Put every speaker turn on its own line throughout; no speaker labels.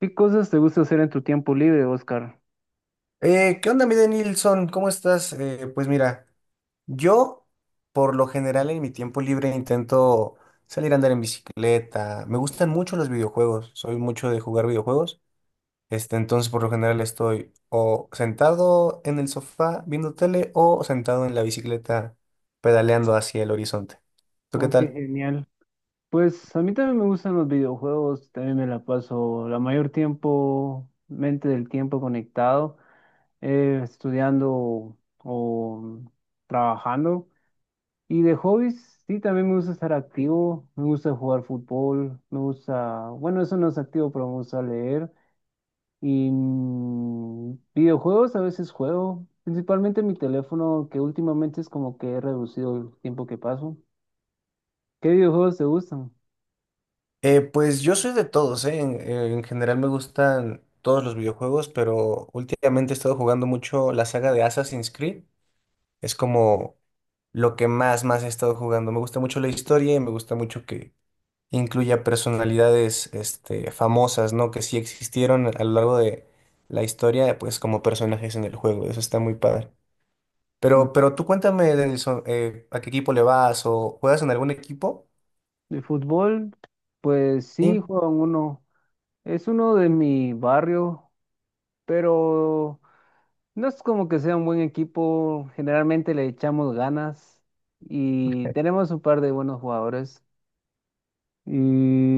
¿Qué cosas te gusta hacer en tu tiempo libre, Oscar?
¿Qué onda, mi Nilsson? ¿Cómo estás? Pues mira, yo por lo general en mi tiempo libre intento salir a andar en bicicleta. Me gustan mucho los videojuegos, soy mucho de jugar videojuegos. Entonces por lo general estoy o sentado en el sofá viendo tele o sentado en la bicicleta pedaleando hacia el horizonte. ¿Tú qué
Oh, qué
tal?
genial. Pues a mí también me gustan los videojuegos, también me la paso la mayor tiempo, mente del tiempo conectado, estudiando o trabajando. Y de hobbies, sí, también me gusta estar activo, me gusta jugar fútbol, me gusta, bueno, eso no es activo, pero me gusta leer. Y videojuegos a veces juego, principalmente en mi teléfono, que últimamente es como que he reducido el tiempo que paso. ¿Qué videojuegos te gustan?
Pues yo soy de todos, ¿eh? En general me gustan todos los videojuegos, pero últimamente he estado jugando mucho la saga de Assassin's Creed. Es como lo que más he estado jugando. Me gusta mucho la historia y me gusta mucho que incluya personalidades, famosas, ¿no? Que sí existieron a lo largo de la historia, pues como personajes en el juego. Eso está muy padre.
Mm.
Pero tú cuéntame, Denilson, ¿a qué equipo le vas o juegas en algún equipo?
De fútbol, pues sí,
Sí.
juegan uno. Es uno de mi barrio, pero no es como que sea un buen equipo. Generalmente le echamos ganas y tenemos un par de buenos jugadores. Y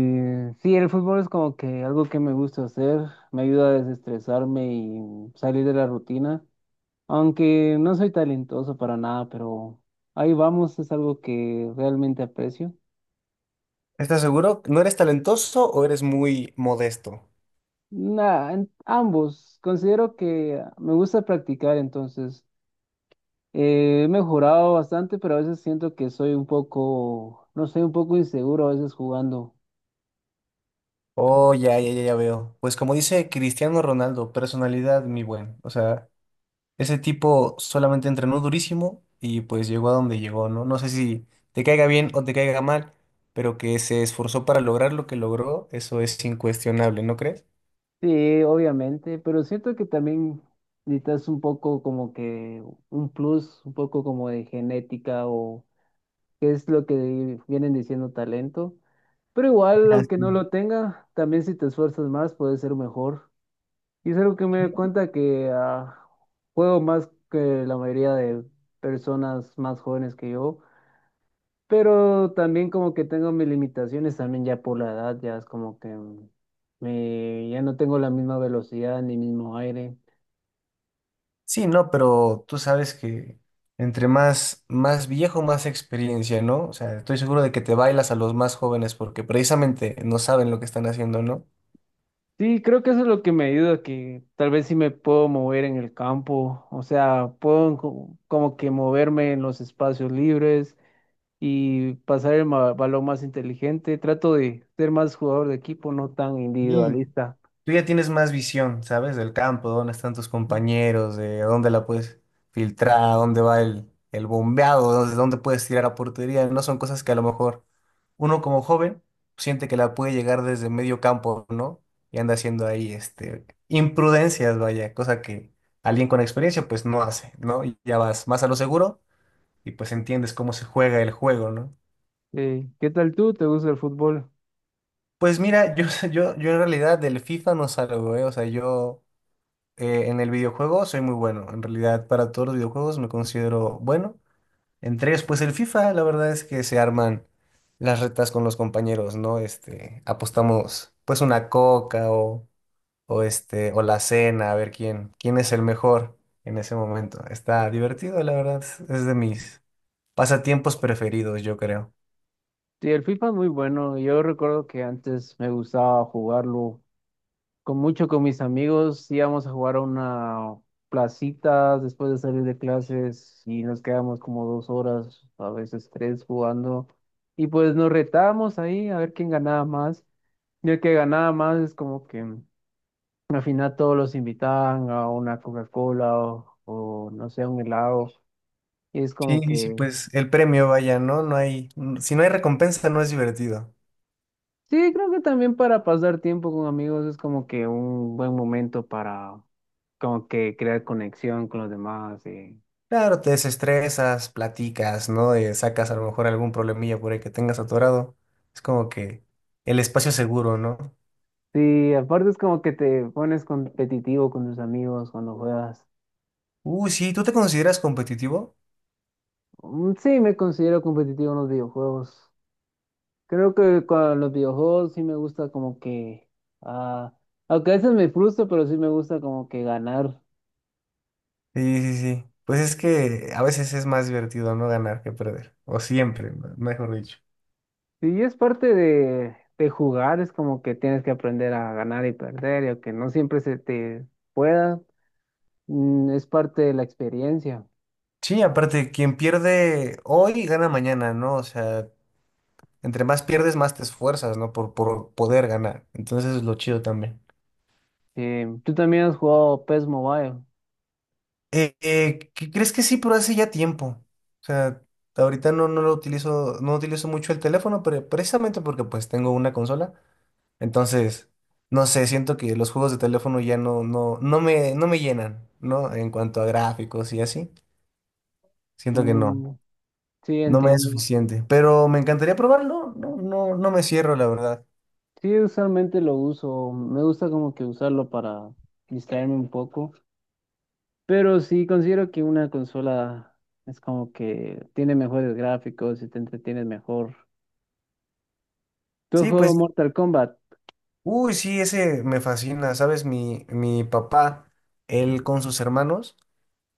sí, el fútbol es como que algo que me gusta hacer, me ayuda a desestresarme y salir de la rutina, aunque no soy talentoso para nada, pero ahí vamos, es algo que realmente aprecio.
¿Estás seguro? ¿No eres talentoso o eres muy modesto?
Nah, ambos, considero que me gusta practicar, entonces he mejorado bastante, pero a veces siento que soy un poco, no sé, un poco inseguro a veces jugando.
Oh, ya veo. Pues como dice Cristiano Ronaldo, personalidad, mi buen. O sea, ese tipo solamente entrenó durísimo y pues llegó a donde llegó, ¿no? No sé si te caiga bien o te caiga mal, pero que se esforzó para lograr lo que logró, eso es incuestionable, ¿no crees?
Sí, obviamente, pero siento que también necesitas un poco como que un plus, un poco como de genética o qué es lo que vienen diciendo talento. Pero igual,
Ah,
aunque no
sí.
lo tenga, también si te esfuerzas más, puedes ser mejor. Y es algo que me doy cuenta que juego más que la mayoría de personas más jóvenes que yo. Pero también como que tengo mis limitaciones, también ya por la edad, ya es como que ya no tengo la misma velocidad ni mismo aire.
Sí, no, pero tú sabes que entre más viejo, más experiencia, ¿no? O sea, estoy seguro de que te bailas a los más jóvenes porque precisamente no saben lo que están haciendo, ¿no?
Sí, creo que eso es lo que me ayuda, que tal vez sí me puedo mover en el campo, o sea, puedo como que moverme en los espacios libres y pasar el balón más inteligente. Trato de ser más jugador de equipo, no tan
Sí.
individualista.
Tú ya tienes más visión, ¿sabes? Del campo, dónde están tus compañeros, de dónde la puedes filtrar, dónde va el bombeado, dónde puedes tirar a portería. No son cosas que a lo mejor uno como joven siente que la puede llegar desde medio campo, ¿no? Y anda haciendo ahí imprudencias, vaya, cosa que alguien con experiencia pues no hace, ¿no? Y ya vas más a lo seguro y pues entiendes cómo se juega el juego, ¿no?
¿Qué tal tú? ¿Te gusta el fútbol?
Pues mira, yo, yo en realidad del FIFA no salgo, ¿eh? O sea, yo... En el videojuego soy muy bueno. En realidad, para todos los videojuegos me considero bueno. Entre ellos, pues el FIFA, la verdad es que se arman las retas con los compañeros, ¿no? Apostamos pues una coca o o la cena, a ver quién es el mejor en ese momento. Está divertido, la verdad. Es de mis pasatiempos preferidos, yo creo.
Sí, el FIFA es muy bueno. Yo recuerdo que antes me gustaba jugarlo con mis amigos. Íbamos a jugar a una placita después de salir de clases y nos quedábamos como 2 horas, a veces 3 jugando. Y pues nos retábamos ahí a ver quién ganaba más. Y el que ganaba más es como que al final todos los invitaban a una Coca-Cola o no sé, a un helado. Y es
Sí,
como
sí, sí,
que
pues el premio, vaya, ¿no? No hay, si no hay recompensa, no es divertido.
sí, creo que también para pasar tiempo con amigos es como que un buen momento para como que crear conexión con los demás. Y,
Claro, te desestresas, platicas, ¿no? Sacas a lo mejor algún problemilla por ahí que tengas atorado. Es como que el espacio seguro, ¿no?
sí, aparte es como que te pones competitivo con tus amigos cuando juegas.
Uy, sí, ¿tú te consideras competitivo?
Mm, sí, me considero competitivo en los videojuegos. Creo que con los videojuegos sí me gusta como que, ah, aunque a veces me frustro, pero sí me gusta como que ganar.
Sí. Pues es que a veces es más divertido no ganar que perder. O siempre, mejor dicho.
Sí, es parte de jugar, es como que tienes que aprender a ganar y perder, y aunque no siempre se te pueda, es parte de la experiencia.
Sí, aparte, quien pierde hoy gana mañana, ¿no? O sea, entre más pierdes, más te esfuerzas, ¿no? Por poder ganar. Entonces es lo chido también.
Tú también has jugado PES Mobile.
¿Qué crees que sí? Pero hace ya tiempo. O sea, ahorita no lo utilizo, no utilizo mucho el teléfono, pero precisamente porque pues tengo una consola. Entonces, no sé, siento que los juegos de teléfono ya no me llenan, ¿no? En cuanto a gráficos y así. Siento que no,
Mm, sí,
no me es
entiendo.
suficiente. Pero me encantaría probarlo. No me cierro, la verdad.
Sí, usualmente lo uso. Me gusta como que usarlo para distraerme un poco. Pero sí, considero que una consola es como que tiene mejores gráficos y te entretienes mejor. ¿Tú has
Sí,
jugado
pues,
Mortal Kombat?
uy, sí, ese me fascina. ¿Sabes? Mi papá, él con sus hermanos.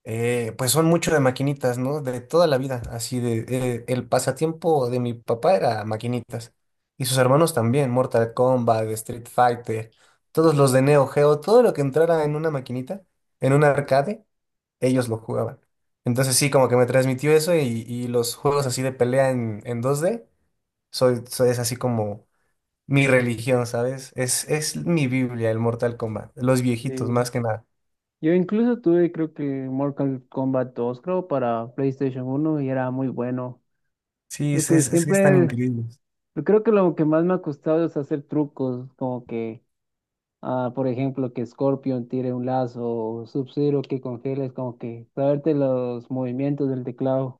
Pues son mucho de maquinitas, ¿no? De toda la vida, así de... el pasatiempo de mi papá era maquinitas. Y sus hermanos también, Mortal Kombat, Street Fighter, todos los de Neo Geo, todo lo que entrara en una maquinita, en un arcade, ellos lo jugaban. Entonces sí, como que me transmitió eso y los juegos así de pelea en dos d es así como mi religión, ¿sabes? Es mi Biblia, el Mortal Kombat, los viejitos
Sí.
más que nada.
Yo incluso tuve, creo que Mortal Kombat 2, creo, para PlayStation 1 y era muy bueno. Creo que
Es que están
siempre
increíbles.
Yo creo que lo que más me ha costado es hacer trucos, como que, por ejemplo, que Scorpion tire un lazo o Sub-Zero que congeles, como que saberte los movimientos del teclado.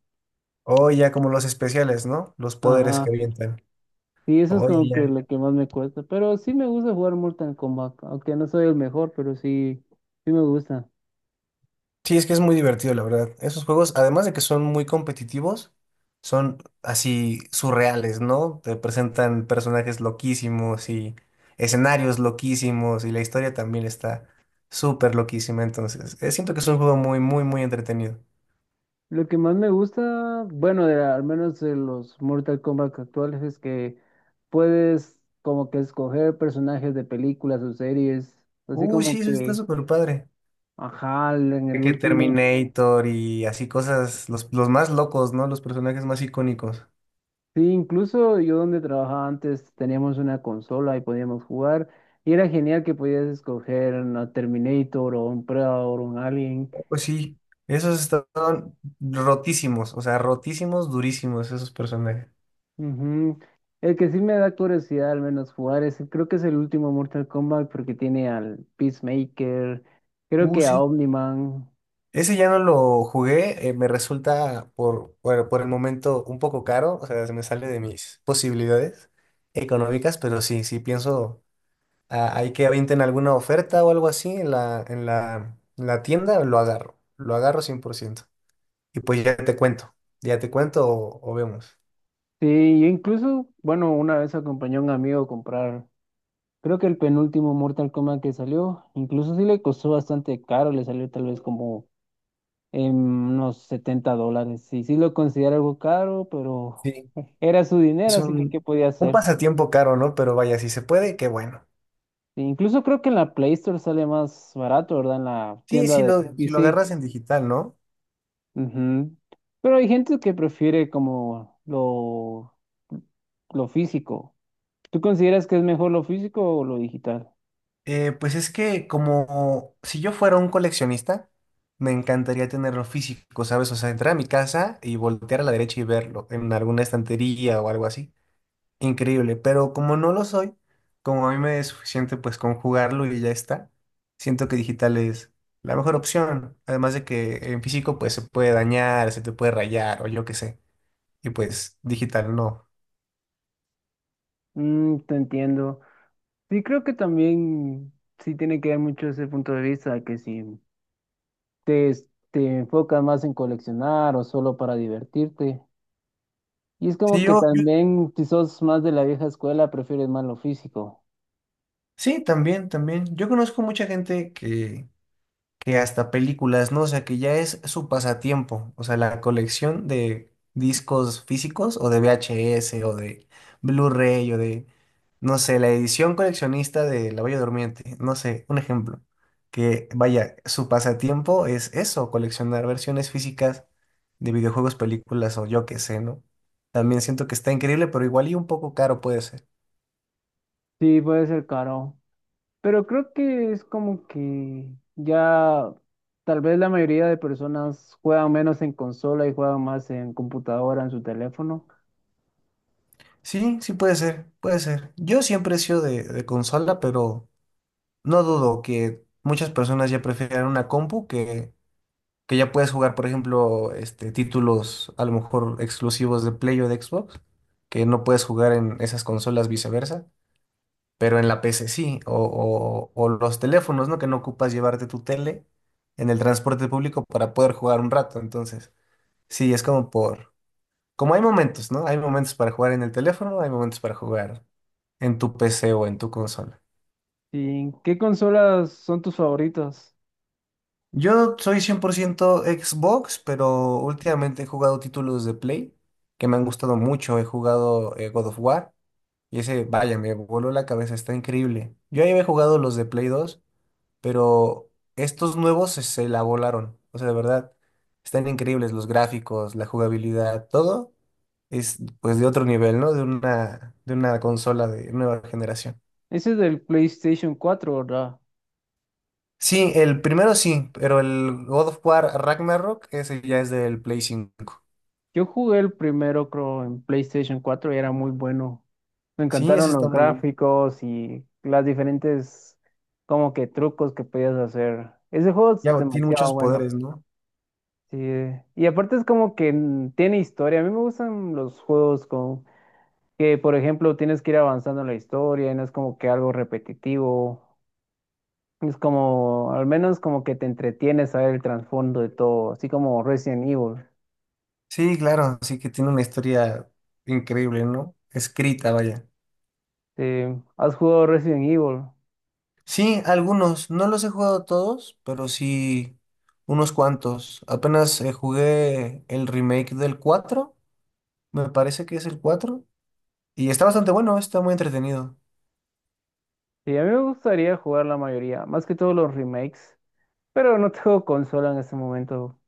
O ya como los especiales, ¿no? Los poderes que
Ajá.
avientan.
Y eso es
Oh, ya.
como que
ya.
lo que más me cuesta. Pero sí me gusta jugar Mortal Kombat, aunque no soy el mejor, pero sí, sí me gusta.
Sí, es que es muy divertido, la verdad. Esos juegos, además de que son muy competitivos, son así surreales, ¿no? Te presentan personajes loquísimos y escenarios loquísimos y la historia también está súper loquísima. Entonces, siento que es un juego muy, muy, muy entretenido.
Lo que más me gusta, bueno, de, al menos de los Mortal Kombat actuales, es que puedes como que escoger personajes de películas o series, así
Uy,
como
sí, eso está
que...
súper padre.
Ajá, en el
Que
último.
Terminator y así cosas, los más locos, ¿no? Los personajes más icónicos.
Sí, incluso yo donde trabajaba antes teníamos una consola y podíamos jugar. Y era genial que podías escoger a Terminator o un Predator o un Alien.
Pues sí, esos estaban rotísimos, o sea, rotísimos, durísimos esos personajes.
Ujú. El que sí me da curiosidad al menos jugar es, creo que es el último Mortal Kombat porque tiene al Peacemaker, creo que a
Sí.
Omniman.
Ese ya no lo jugué, me resulta por el momento un poco caro, o sea, se me sale de mis posibilidades económicas, pero sí, sí pienso, ah, hay que avienten alguna oferta o algo así en en la tienda, lo agarro 100%. Y pues ya te cuento o vemos.
Sí, yo incluso, bueno, una vez acompañé a un amigo a comprar, creo que el penúltimo Mortal Kombat que salió, incluso sí le costó bastante caro, le salió tal vez como en unos $70. Sí, sí lo considero algo caro, pero
Sí,
era su dinero,
es
así que ¿qué podía
un
hacer?
pasatiempo caro, ¿no? Pero vaya, si se puede, qué bueno.
E incluso creo que en la Play Store sale más barato, ¿verdad? En la
Sí,
tienda de
si lo
PC.
agarras en digital, ¿no?
Ujú. Pero hay gente que prefiere como lo físico. ¿Tú consideras que es mejor lo físico o lo digital?
Pues es que como si yo fuera un coleccionista, me encantaría tenerlo físico, ¿sabes? O sea, entrar a mi casa y voltear a la derecha y verlo en alguna estantería o algo así. Increíble, pero como no lo soy, como a mí me es suficiente pues con jugarlo y ya está, siento que digital es la mejor opción. Además de que en físico pues se puede dañar, se te puede rayar o yo qué sé. Y pues digital no.
Te entiendo. Sí, creo que también sí tiene que ver mucho ese punto de vista, que sí. Te enfocas más en coleccionar o solo para divertirte. Y es como
Sí,
que
yo,
también, si sos más de la vieja escuela, prefieres más lo físico.
sí, también, también. Yo conozco mucha gente que hasta películas, ¿no? O sea, que ya es su pasatiempo. O sea, la colección de discos físicos o de VHS o de Blu-ray o de, no sé, la edición coleccionista de La Bella Durmiente. No sé, un ejemplo. Que vaya, su pasatiempo es eso, coleccionar versiones físicas de videojuegos, películas o yo qué sé, ¿no? También siento que está increíble, pero igual y un poco caro puede ser.
Sí, puede ser caro. Pero creo que es como que ya tal vez la mayoría de personas juegan menos en consola y juegan más en computadora, en su teléfono.
Puede ser. Yo siempre he sido de consola, pero no dudo que muchas personas ya prefieren una compu que ya puedes jugar, por ejemplo, títulos a lo mejor exclusivos de Play o de Xbox, que no puedes jugar en esas consolas viceversa, pero en la PC sí, o los teléfonos, ¿no? Que no ocupas llevarte tu tele en el transporte público para poder jugar un rato. Entonces, sí, es como hay momentos, ¿no? Hay momentos para jugar en el teléfono, hay momentos para jugar en tu PC o en tu consola.
¿Y qué consolas son tus favoritas?
Yo soy 100% Xbox, pero últimamente he jugado títulos de Play que me han gustado mucho. He jugado God of War y ese, vaya, me voló la cabeza, está increíble. Yo ahí había jugado los de Play dos, pero estos nuevos se la volaron. O sea, de verdad, están increíbles los gráficos, la jugabilidad, todo es pues de otro nivel, ¿no? De de una consola de nueva generación.
Ese es del PlayStation 4, ¿verdad?
Sí, el primero sí, pero el God of War Ragnarok, ese ya es del Play 5.
Yo jugué el primero, creo, en PlayStation 4 y era muy bueno. Me
Sí, ese
encantaron los
está muy bien.
gráficos y las diferentes como que trucos que podías hacer. Ese juego es
Ya tiene
demasiado
muchos
bueno.
poderes, ¿no?
Sí. Y aparte es como que tiene historia. A mí me gustan los juegos con que, por ejemplo, tienes que ir avanzando en la historia y no es como que algo repetitivo. Es como, al menos como que te entretienes a ver el trasfondo de todo, así como Resident Evil.
Sí, claro, sí que tiene una historia increíble, ¿no? Escrita, vaya.
Sí. ¿Has jugado Resident Evil?
Sí, algunos. No los he jugado todos, pero sí unos cuantos. Apenas jugué el remake del 4. Me parece que es el 4 y está bastante bueno, está muy entretenido.
Sí, a mí me gustaría jugar la mayoría, más que todos los remakes. Pero no tengo consola en este momento.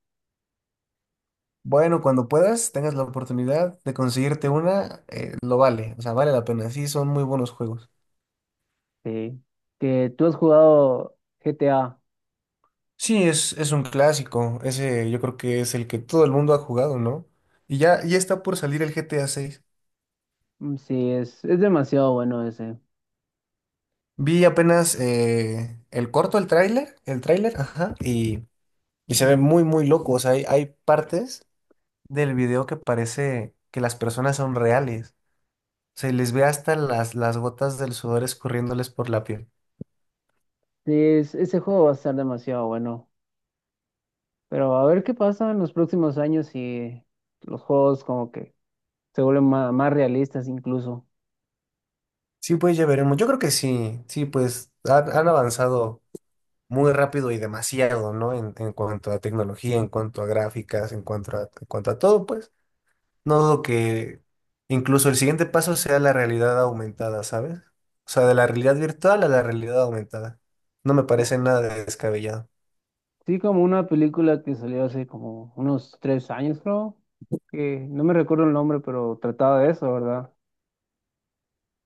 Bueno, cuando puedas, tengas la oportunidad de conseguirte una, lo vale, o sea, vale la pena. Sí, son muy buenos juegos.
Sí. Que tú has jugado GTA.
Es un clásico. Ese yo creo que es el que todo el mundo ha jugado, ¿no? Y ya está por salir el GTA seis.
Mm, sí, es demasiado bueno ese.
Vi apenas el corto, el tráiler, ajá, y se ve muy, muy loco. O sea, hay partes del video que parece que las personas son reales. O sea, les ve hasta las gotas del sudor escurriéndoles por la piel.
Sí, ese juego va a estar demasiado bueno. Pero a ver qué pasa en los próximos años si los juegos como que se vuelven más realistas incluso.
Sí, pues ya veremos. Yo creo que sí, sí, pues han avanzado muy rápido y demasiado, ¿no? En cuanto a tecnología, en cuanto a gráficas, en cuanto a todo, pues. No dudo que incluso el siguiente paso sea la realidad aumentada, ¿sabes? O sea, de la realidad virtual a la realidad aumentada. No me
Co-
parece nada descabellado.
Sí, como una película que salió hace como unos 3 años, creo. Que no me recuerdo el nombre, pero trataba de eso, ¿verdad?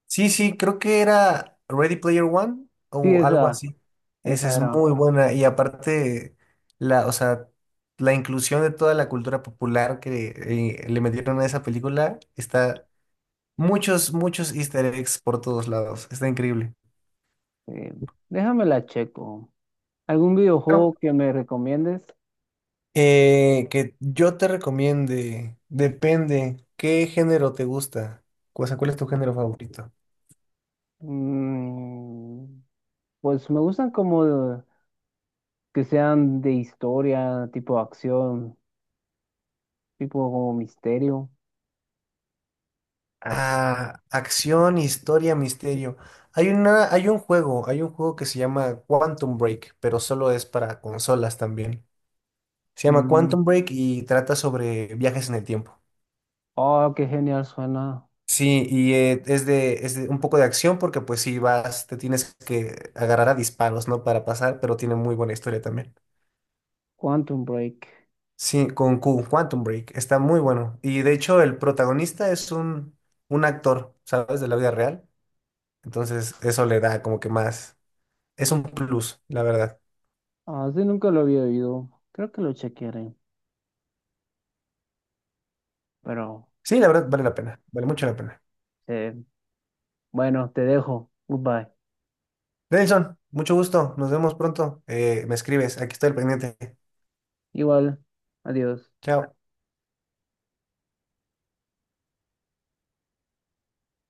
Sí, creo que era Ready Player One
Sí,
o algo
esa,
así. Esa
esa
es
era.
muy buena y aparte o sea, la inclusión de toda la cultura popular que le metieron a esa película está muchos, muchos easter eggs por todos lados. Está increíble.
Eh, déjame la checo. ¿Algún
Claro.
videojuego que me recomiendes?
Que yo te recomiende, depende, ¿qué género te gusta? O sea, ¿cuál es tu género favorito?
Mm, pues me gustan como que sean de historia, tipo acción, tipo como misterio.
Ah, acción, historia, misterio. Hay un juego que se llama Quantum Break, pero solo es para consolas también. Se llama
Mm,
Quantum Break y trata sobre viajes en el tiempo.
oh, qué genial suena.
Sí, y es de un poco de acción porque pues si vas, te tienes que agarrar a disparos, ¿no? Para pasar, pero tiene muy buena historia también.
Quantum Break.
Sí, con Q, Quantum Break, está muy bueno. Y de hecho el protagonista es un actor, ¿sabes? De la vida real. Entonces eso le da como que más es un plus, la verdad.
Ah, sí, nunca lo había oído. Creo que lo chequearé. Pero,
Sí, la verdad vale la pena, vale mucho la pena.
eh, bueno, te dejo. Goodbye.
Nelson, mucho gusto, nos vemos pronto. Me escribes, aquí estoy al pendiente.
Igual, adiós.
Chao.